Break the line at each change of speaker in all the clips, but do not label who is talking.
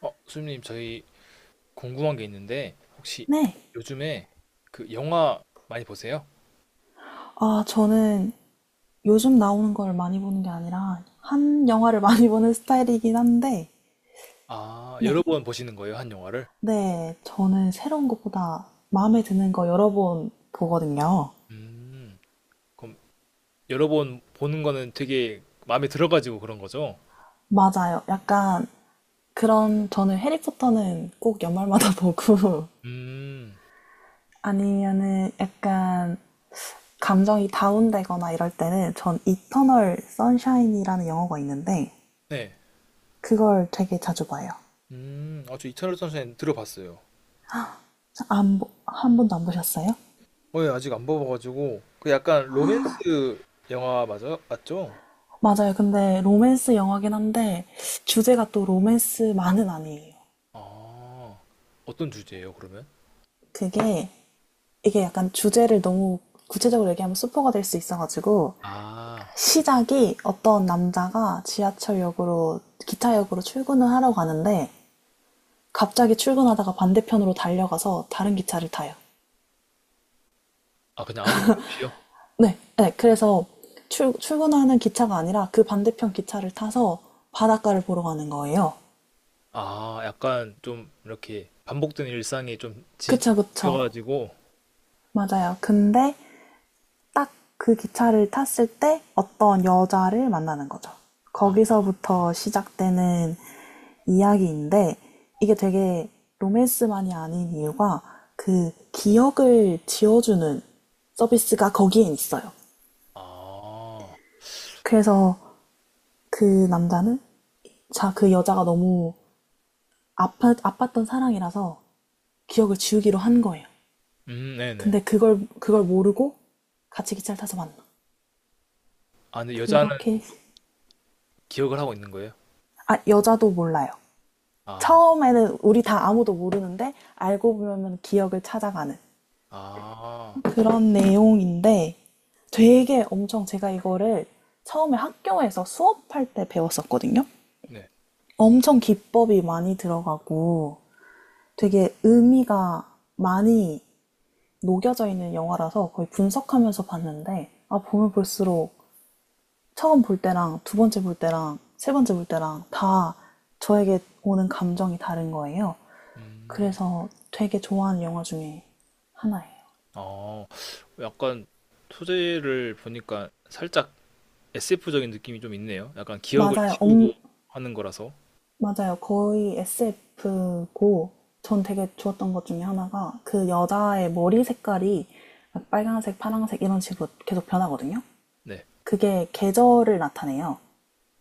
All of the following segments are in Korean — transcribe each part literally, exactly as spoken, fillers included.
어, 수님님, 저희 궁금한 게 있는데, 혹시
네.
요즘에 그 영화 많이 보세요?
아, 저는 요즘 나오는 걸 많이 보는 게 아니라 한 영화를 많이 보는 스타일이긴 한데,
아, 여러
네.
번 보시는 거예요, 한 영화를?
네, 저는 새로운 것보다 마음에 드는 거 여러 번 보거든요.
음, 그럼 여러 번 보는 거는 되게 마음에 들어가지고 그런 거죠?
맞아요. 약간 그런, 저는 해리포터는 꼭 연말마다 보고,
음,
아니면은 약간 감정이 다운되거나 이럴 때는 전 이터널 선샤인이라는 영화가 있는데,
네.
그걸 되게 자주 봐요.
음, 아, 저 이터널 선샤인 들어봤어요.
안, 보- 한 번도 안 보셨어요?
어, 예, 아직 안 봐봐가지고. 그 약간 로맨스 영화 맞아요? 맞죠?
맞아요. 근데 로맨스 영화긴 한데 주제가 또 로맨스만은 아니에요.
아, 어떤 주제예요, 그러면?
그게 이게 약간 주제를 너무 구체적으로 얘기하면 스포가 될 수 있어가지고
아,
시작이 어떤 남자가 지하철역으로 기차역으로 출근을 하러 가는데 갑자기 출근하다가 반대편으로 달려가서 다른 기차를 타요.
아, 그냥 아무 이유 없이요?
네, 네. 그래서 출, 출근하는 기차가 아니라 그 반대편 기차를 타서 바닷가를 보러 가는 거예요.
아, 약간 좀 이렇게 반복된 일상이 좀
그쵸, 그쵸.
지겨가지고,
맞아요. 근데 딱 그 기차를 탔을 때 어떤 여자를 만나는 거죠.
아,
거기서부터 시작되는 이야기인데 이게 되게 로맨스만이 아닌 이유가 그 기억을 지워주는 서비스가 거기에 있어요.
아,
그래서 그 남자는 자, 그 여자가 너무 아파, 아팠던 사랑이라서 기억을 지우기로 한 거예요.
음, 네네.
근데 그걸, 그걸 모르고 같이 기차를 타서 만나.
아, 근데 여자는
그렇게,
기억을 하고 있는 거예요?
아, 여자도 몰라요.
아,
처음에는 우리 다 아무도 모르는데 알고 보면 기억을 찾아가는
아,
그런 내용인데 되게 엄청 제가 이거를 처음에 학교에서 수업할 때 배웠었거든요.
네.
엄청 기법이 많이 들어가고 되게 의미가 많이 녹여져 있는 영화라서 거의 분석하면서 봤는데 아 보면 볼수록 처음 볼 때랑 두 번째 볼 때랑 세 번째 볼 때랑 다 저에게 오는 감정이 다른 거예요.
음,
그래서 되게 좋아하는 영화 중에 하나예요.
어, 약간 소재를 보니까 살짝 에스에프적인 느낌이 좀 있네요. 약간 기억을
맞아요.
지우고
엄,
하는 거라서.
맞아요. 거의 에스에프고, 전 되게 좋았던 것 중에 하나가 그 여자의 머리 색깔이 빨간색, 파란색 이런 식으로 계속 변하거든요.
네.
그게 계절을 나타내요.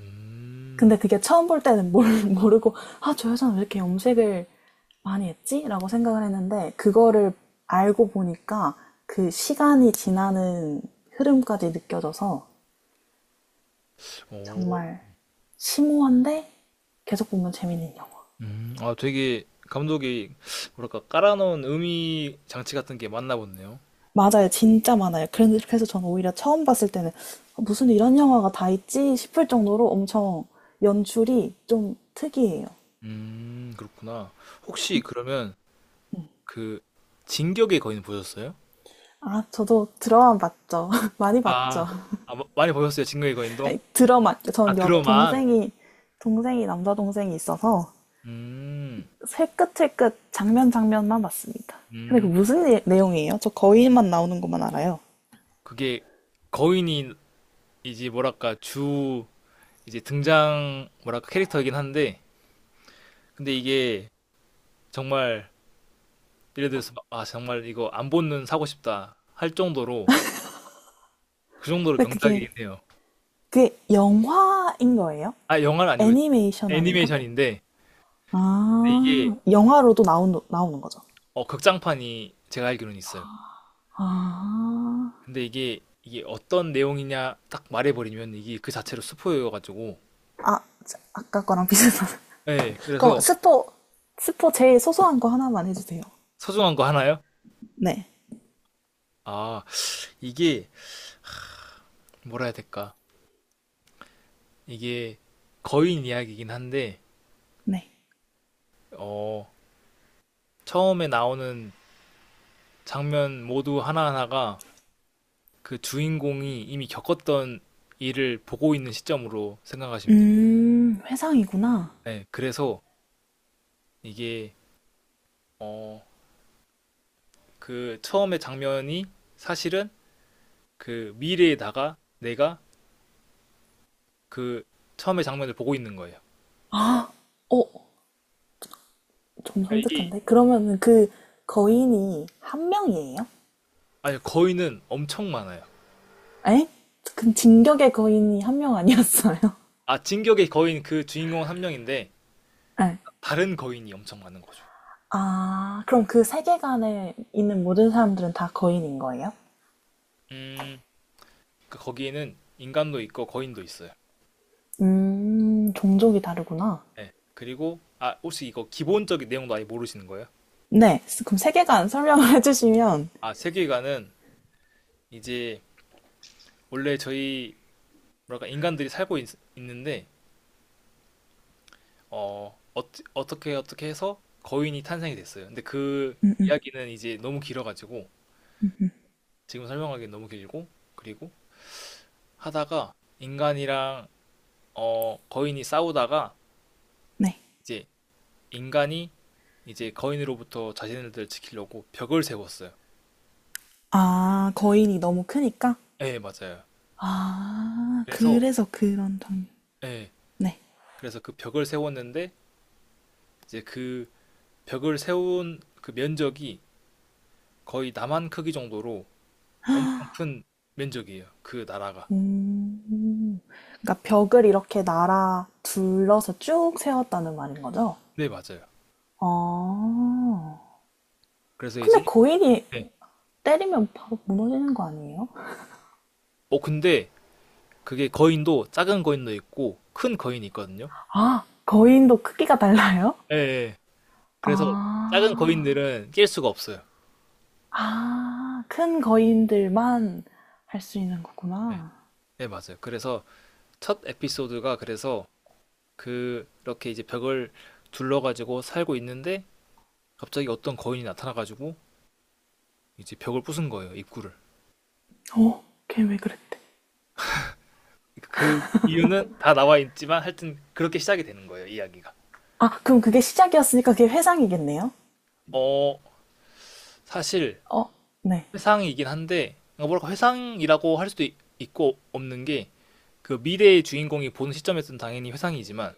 음,
근데 그게 처음 볼 때는 모르, 모르고, 아, 저 여자는 왜 이렇게 염색을 많이 했지? 라고 생각을 했는데, 그거를 알고 보니까 그 시간이 지나는 흐름까지 느껴져서
오,
정말 심오한데 계속 보면 재밌는 영화.
음, 아, 되게 감독이 뭐랄까 깔아놓은 의미 장치 같은 게 맞나 보네요.
맞아요. 진짜 많아요. 그래서 저는 오히려 처음 봤을 때는 아, 무슨 이런 영화가 다 있지 싶을 정도로 엄청 연출이 좀 특이해요.
음, 그렇구나. 혹시 그러면 그 진격의 거인 보셨어요?
아, 저도 드라마 봤죠. 많이 봤죠.
아. 아, 뭐 많이 보셨어요? 진격의 거인도?
아니, 드라마,
아,
전
드
여,
러만
동생이, 동생이, 남자 동생이 있어서
음.
새끝새끝 장면 장면만 봤습니다. 근데 그
음.
무슨 예- 내용이에요? 저 거인만 나오는 것만 알아요.
그게 거인이 이제 뭐랄까 주, 이제 등장 뭐랄까 캐릭터이긴 한데 근데 이게 정말 예를 들어서 막 '아, 정말 이거 안 보는 사고 싶다.' 할 정도로 그 정도로
근데 그게,
명작이긴 해요.
그게 영화인 거예요?
아, 영화는 아니고
애니메이션 아닌가?
애니메이션인데 근데
아,
이게
영화로도 나온, 나오는 거죠.
어, 극장판이 제가 알기로는 있어요.
아,
근데 이게 이게 어떤 내용이냐 딱 말해버리면 이게 그 자체로 스포여가지고.
아, 자, 아까 거랑 비슷한.
네,
그럼
그래서
스포, 스포 제일 소소한 거 하나만 해주세요.
소중한 거 하나요?
네,
아, 이게 뭐라 해야 될까? 이게 거인 이야기긴 한데
네.
어, 처음에 나오는 장면 모두 하나하나가 그 주인공이 이미 겪었던 일을 보고 있는 시점으로 생각하시면 돼요.
음, 회상이구나.
네, 그래서 이게 어 그 처음에 장면이 사실은 그 미래에다가 내가 그 처음에 장면을 보고 있는 거예요.
어, 좀
그러니까 이게
섬뜩한데? 그러면은 그 거인이 한 명이에요?
아니, 거인은 엄청 많아요.
에? 그 진격의 거인이 한 명 아니었어요?
아, 진격의 거인 그 주인공은 한 명인데
네.
다른 거인이 엄청 많은 거죠.
아, 그럼 그 세계관에 있는 모든 사람들은 다 거인인 거예요?
음, 그 거기에는 인간도 있고 거인도 있어요.
음, 종족이 다르구나.
네. 그리고 아, 혹시 이거 기본적인 내용도 아예 모르시는 거예요?
네, 그럼 세계관 설명을 해주시면,
아, 세계관은 이제 원래 저희 뭐랄까 인간들이 살고 있, 는데어 어어 어떻게 어떻게 해서 거인이 탄생이 됐어요. 근데 그 이야기는 이제 너무 길어가지고 지금 설명하기엔 너무 길고 그리고 하다가 인간이랑 어, 거인이 싸우다가
네.
이제 인간이 이제 거인으로부터 자신을 지키려고 벽을 세웠어요.
아, 거인이 너무 크니까?
예, 맞아요.
아,
그래서
그래서 그런 장면.
예,
네.
그래서 그 벽을 세웠는데 이제 그 벽을 세운 그 면적이 거의 남한 크기 정도로 엄청 큰 면적이에요. 그 나라가.
음, 그러니까 벽을 이렇게 날아 둘러서 쭉 세웠다는 말인 거죠?
네, 맞아요.
아,
그래서 이제
근데 거인이
네.
때리면 바로 무너지는 거 아니에요?
어, 근데 그게 거인도 작은 거인도 있고 큰 거인이 있거든요.
아, 거인도 크기가 달라요?
예. 예. 그래서 작은
아.
거인들은 깰 수가 없어요.
아, 큰 거인들만 할 수 있는
예.
거구나.
네, 맞아요. 그래서 첫 에피소드가 그래서 그렇게 이제 벽을 둘러가지고 살고 있는데 갑자기 어떤 거인이 나타나가지고 이제 벽을 부순 거예요, 입구를.
어, 걔 왜 그랬대?
그러니까 그 이유는 다 나와 있지만 하여튼 그렇게 시작이 되는 거예요, 이야기가.
아, 그럼 그게 시작이었으니까 그게 회상이겠네요?
어, 사실
어, 네.
회상이긴 한데 그러니까 뭐랄까 회상이라고 할 수도 있- 있고 없는 게 그 미래의 주인공이 보는 시점에서는 당연히 회상이지만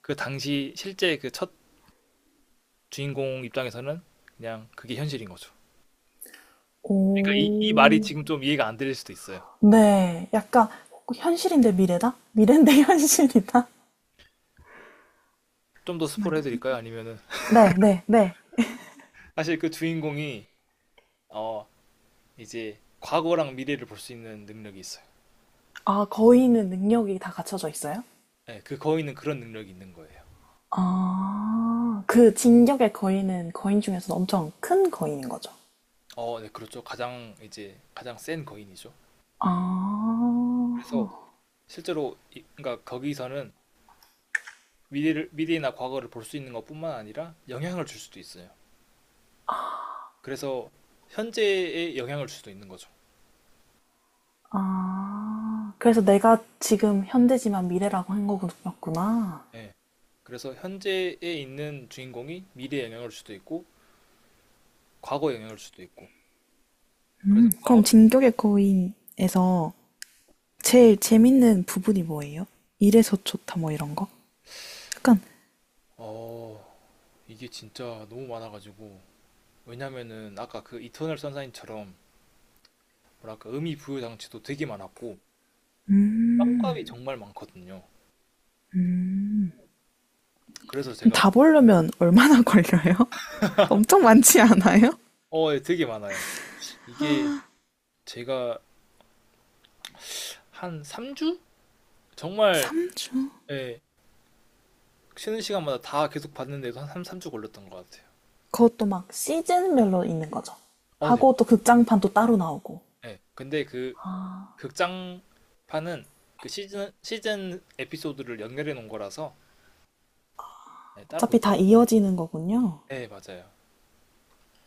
그 당시 실제 그 첫 주인공 입장에서는 그냥 그게 현실인 거죠. 그러니까 이, 이 말이
오,
지금 좀 이해가 안 될 수도 있어요.
네. 약간 현실인데 미래다? 미래인데 현실이다?
좀 더
정말.
스포를 해드릴까요? 아니면은
네, 네, 네.
사실 그 주인공이 어, 이제 과거랑 미래를 볼 수 있는 능력이 있어요.
아, 거인은 능력이 다 갖춰져 있어요?
네, 그 거인은 그런 능력이 있는 거예요.
아, 그 진격의 거인은 거인 중에서는 엄청 큰 거인인 거죠.
어, 네, 그렇죠. 가장 이제 가장 센 거인이죠. 그래서
아,
실제로 이- 그러니까 거기서는 미래를 미래나 과거를 볼 수 있는 것뿐만 아니라 영향을 줄 수도 있어요. 그래서 현재에 영향을 줄 수도 있는 거죠.
아, 그래서 내가 지금 현재지만 미래라고 한 거구나.
예. 그래서 현재에 있는 주인공이 미래에 영향을 줄 수도 있고 과거에 영향을 줄 수도 있고 그래서 과거
그럼 진격의 거인에서 제일 재밌는 부분이 뭐예요? 이래서 좋다 뭐 이런 거? 약간
어, 이게 진짜 너무 많아가지고. 왜냐면은 아까 그 이터널 선샤인처럼 뭐랄까 의미 부여 장치도 되게 많았고 떡값이 정말 많거든요. 그래서 제가
다 보려면 얼마나 걸려요? 엄청 많지 않아요?
어, 예, 되게 많아요. 이게 제가 한 삼 주? 정말
삼 주?
예, 쉬는 시간마다 다 계속 봤는데도 한 3, 삼주 걸렸던 것 같아요.
그것도 막 시즌별로 있는 거죠.
어, 네.
하고 또 극장판도 따로 나오고.
예. 근데 그 극장판은 그 시즌 시즌 에피소드를 연결해 놓은 거라서 예, 따로
어차피
극장
다 이어지는 거군요.
네, 맞아요.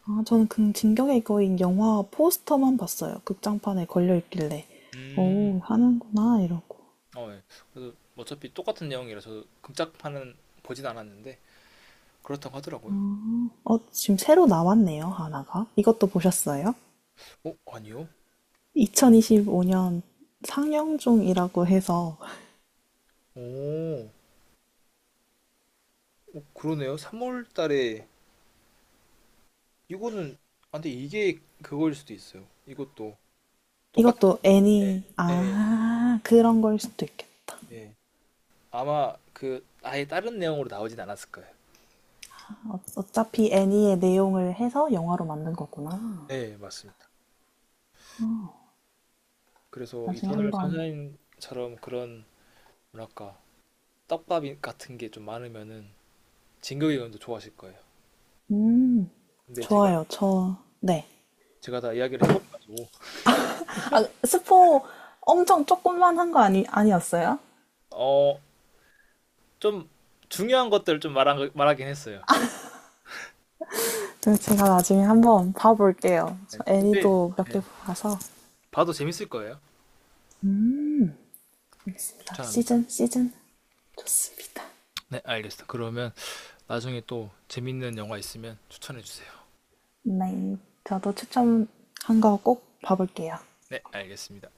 아 저는 그 진격의 거인 영화 포스터만 봤어요. 극장판에 걸려 있길래.
음.
오, 하는구나 이러고.
어, 예. 그래서 어차피 똑같은 내용이라서 금짝판은 보진 않았는데 그렇다고 하더라고요.
어, 지금 새로 나왔네요, 하나가. 이것도 보셨어요?
어, 아니요.
이천이십오 년 상영 중이라고 해서
오, 그러네요. 삼월 달에 이거는 아, 근데 이게 그거일 수도 있어요. 이것도 똑같
이것도 애니
예.
아, 그런 걸 수도 있겠다.
예. 아마 그 아예 다른 내용으로 나오진 않았을 거예요.
어, 어차피 애니의 내용을 해서 영화로 만든 거구나.
네, 맞습니다. 그래서
나중에
이터널
한번
선샤인처럼 그런 뭐랄까 떡밥 같은 게 좀 많으면은 진격의 의원도 좋아하실 거예요.
음.
근데 제가
좋아요. 저 네.
제가 다 이야기를 해버려가지고
아, 스포 엄청 조금만 한 거 아니 아니었어요?
어, 좀 중요한 것들을 좀 말한, 말하긴 했어요.
네, 제가 나중에 한번 봐볼게요.
네.
저
근데
애니도 몇
네.
개 봐서
봐도 재밌을 거예요.
알겠습니다.
추천합니다.
시즌 시즌 좋습니다.
네, 알겠습니다. 그러면 나중에 또 재밌는 영화 있으면 추천해 주세요.
네, 저도 추천한 거 꼭 봐볼게요.
네, 알겠습니다.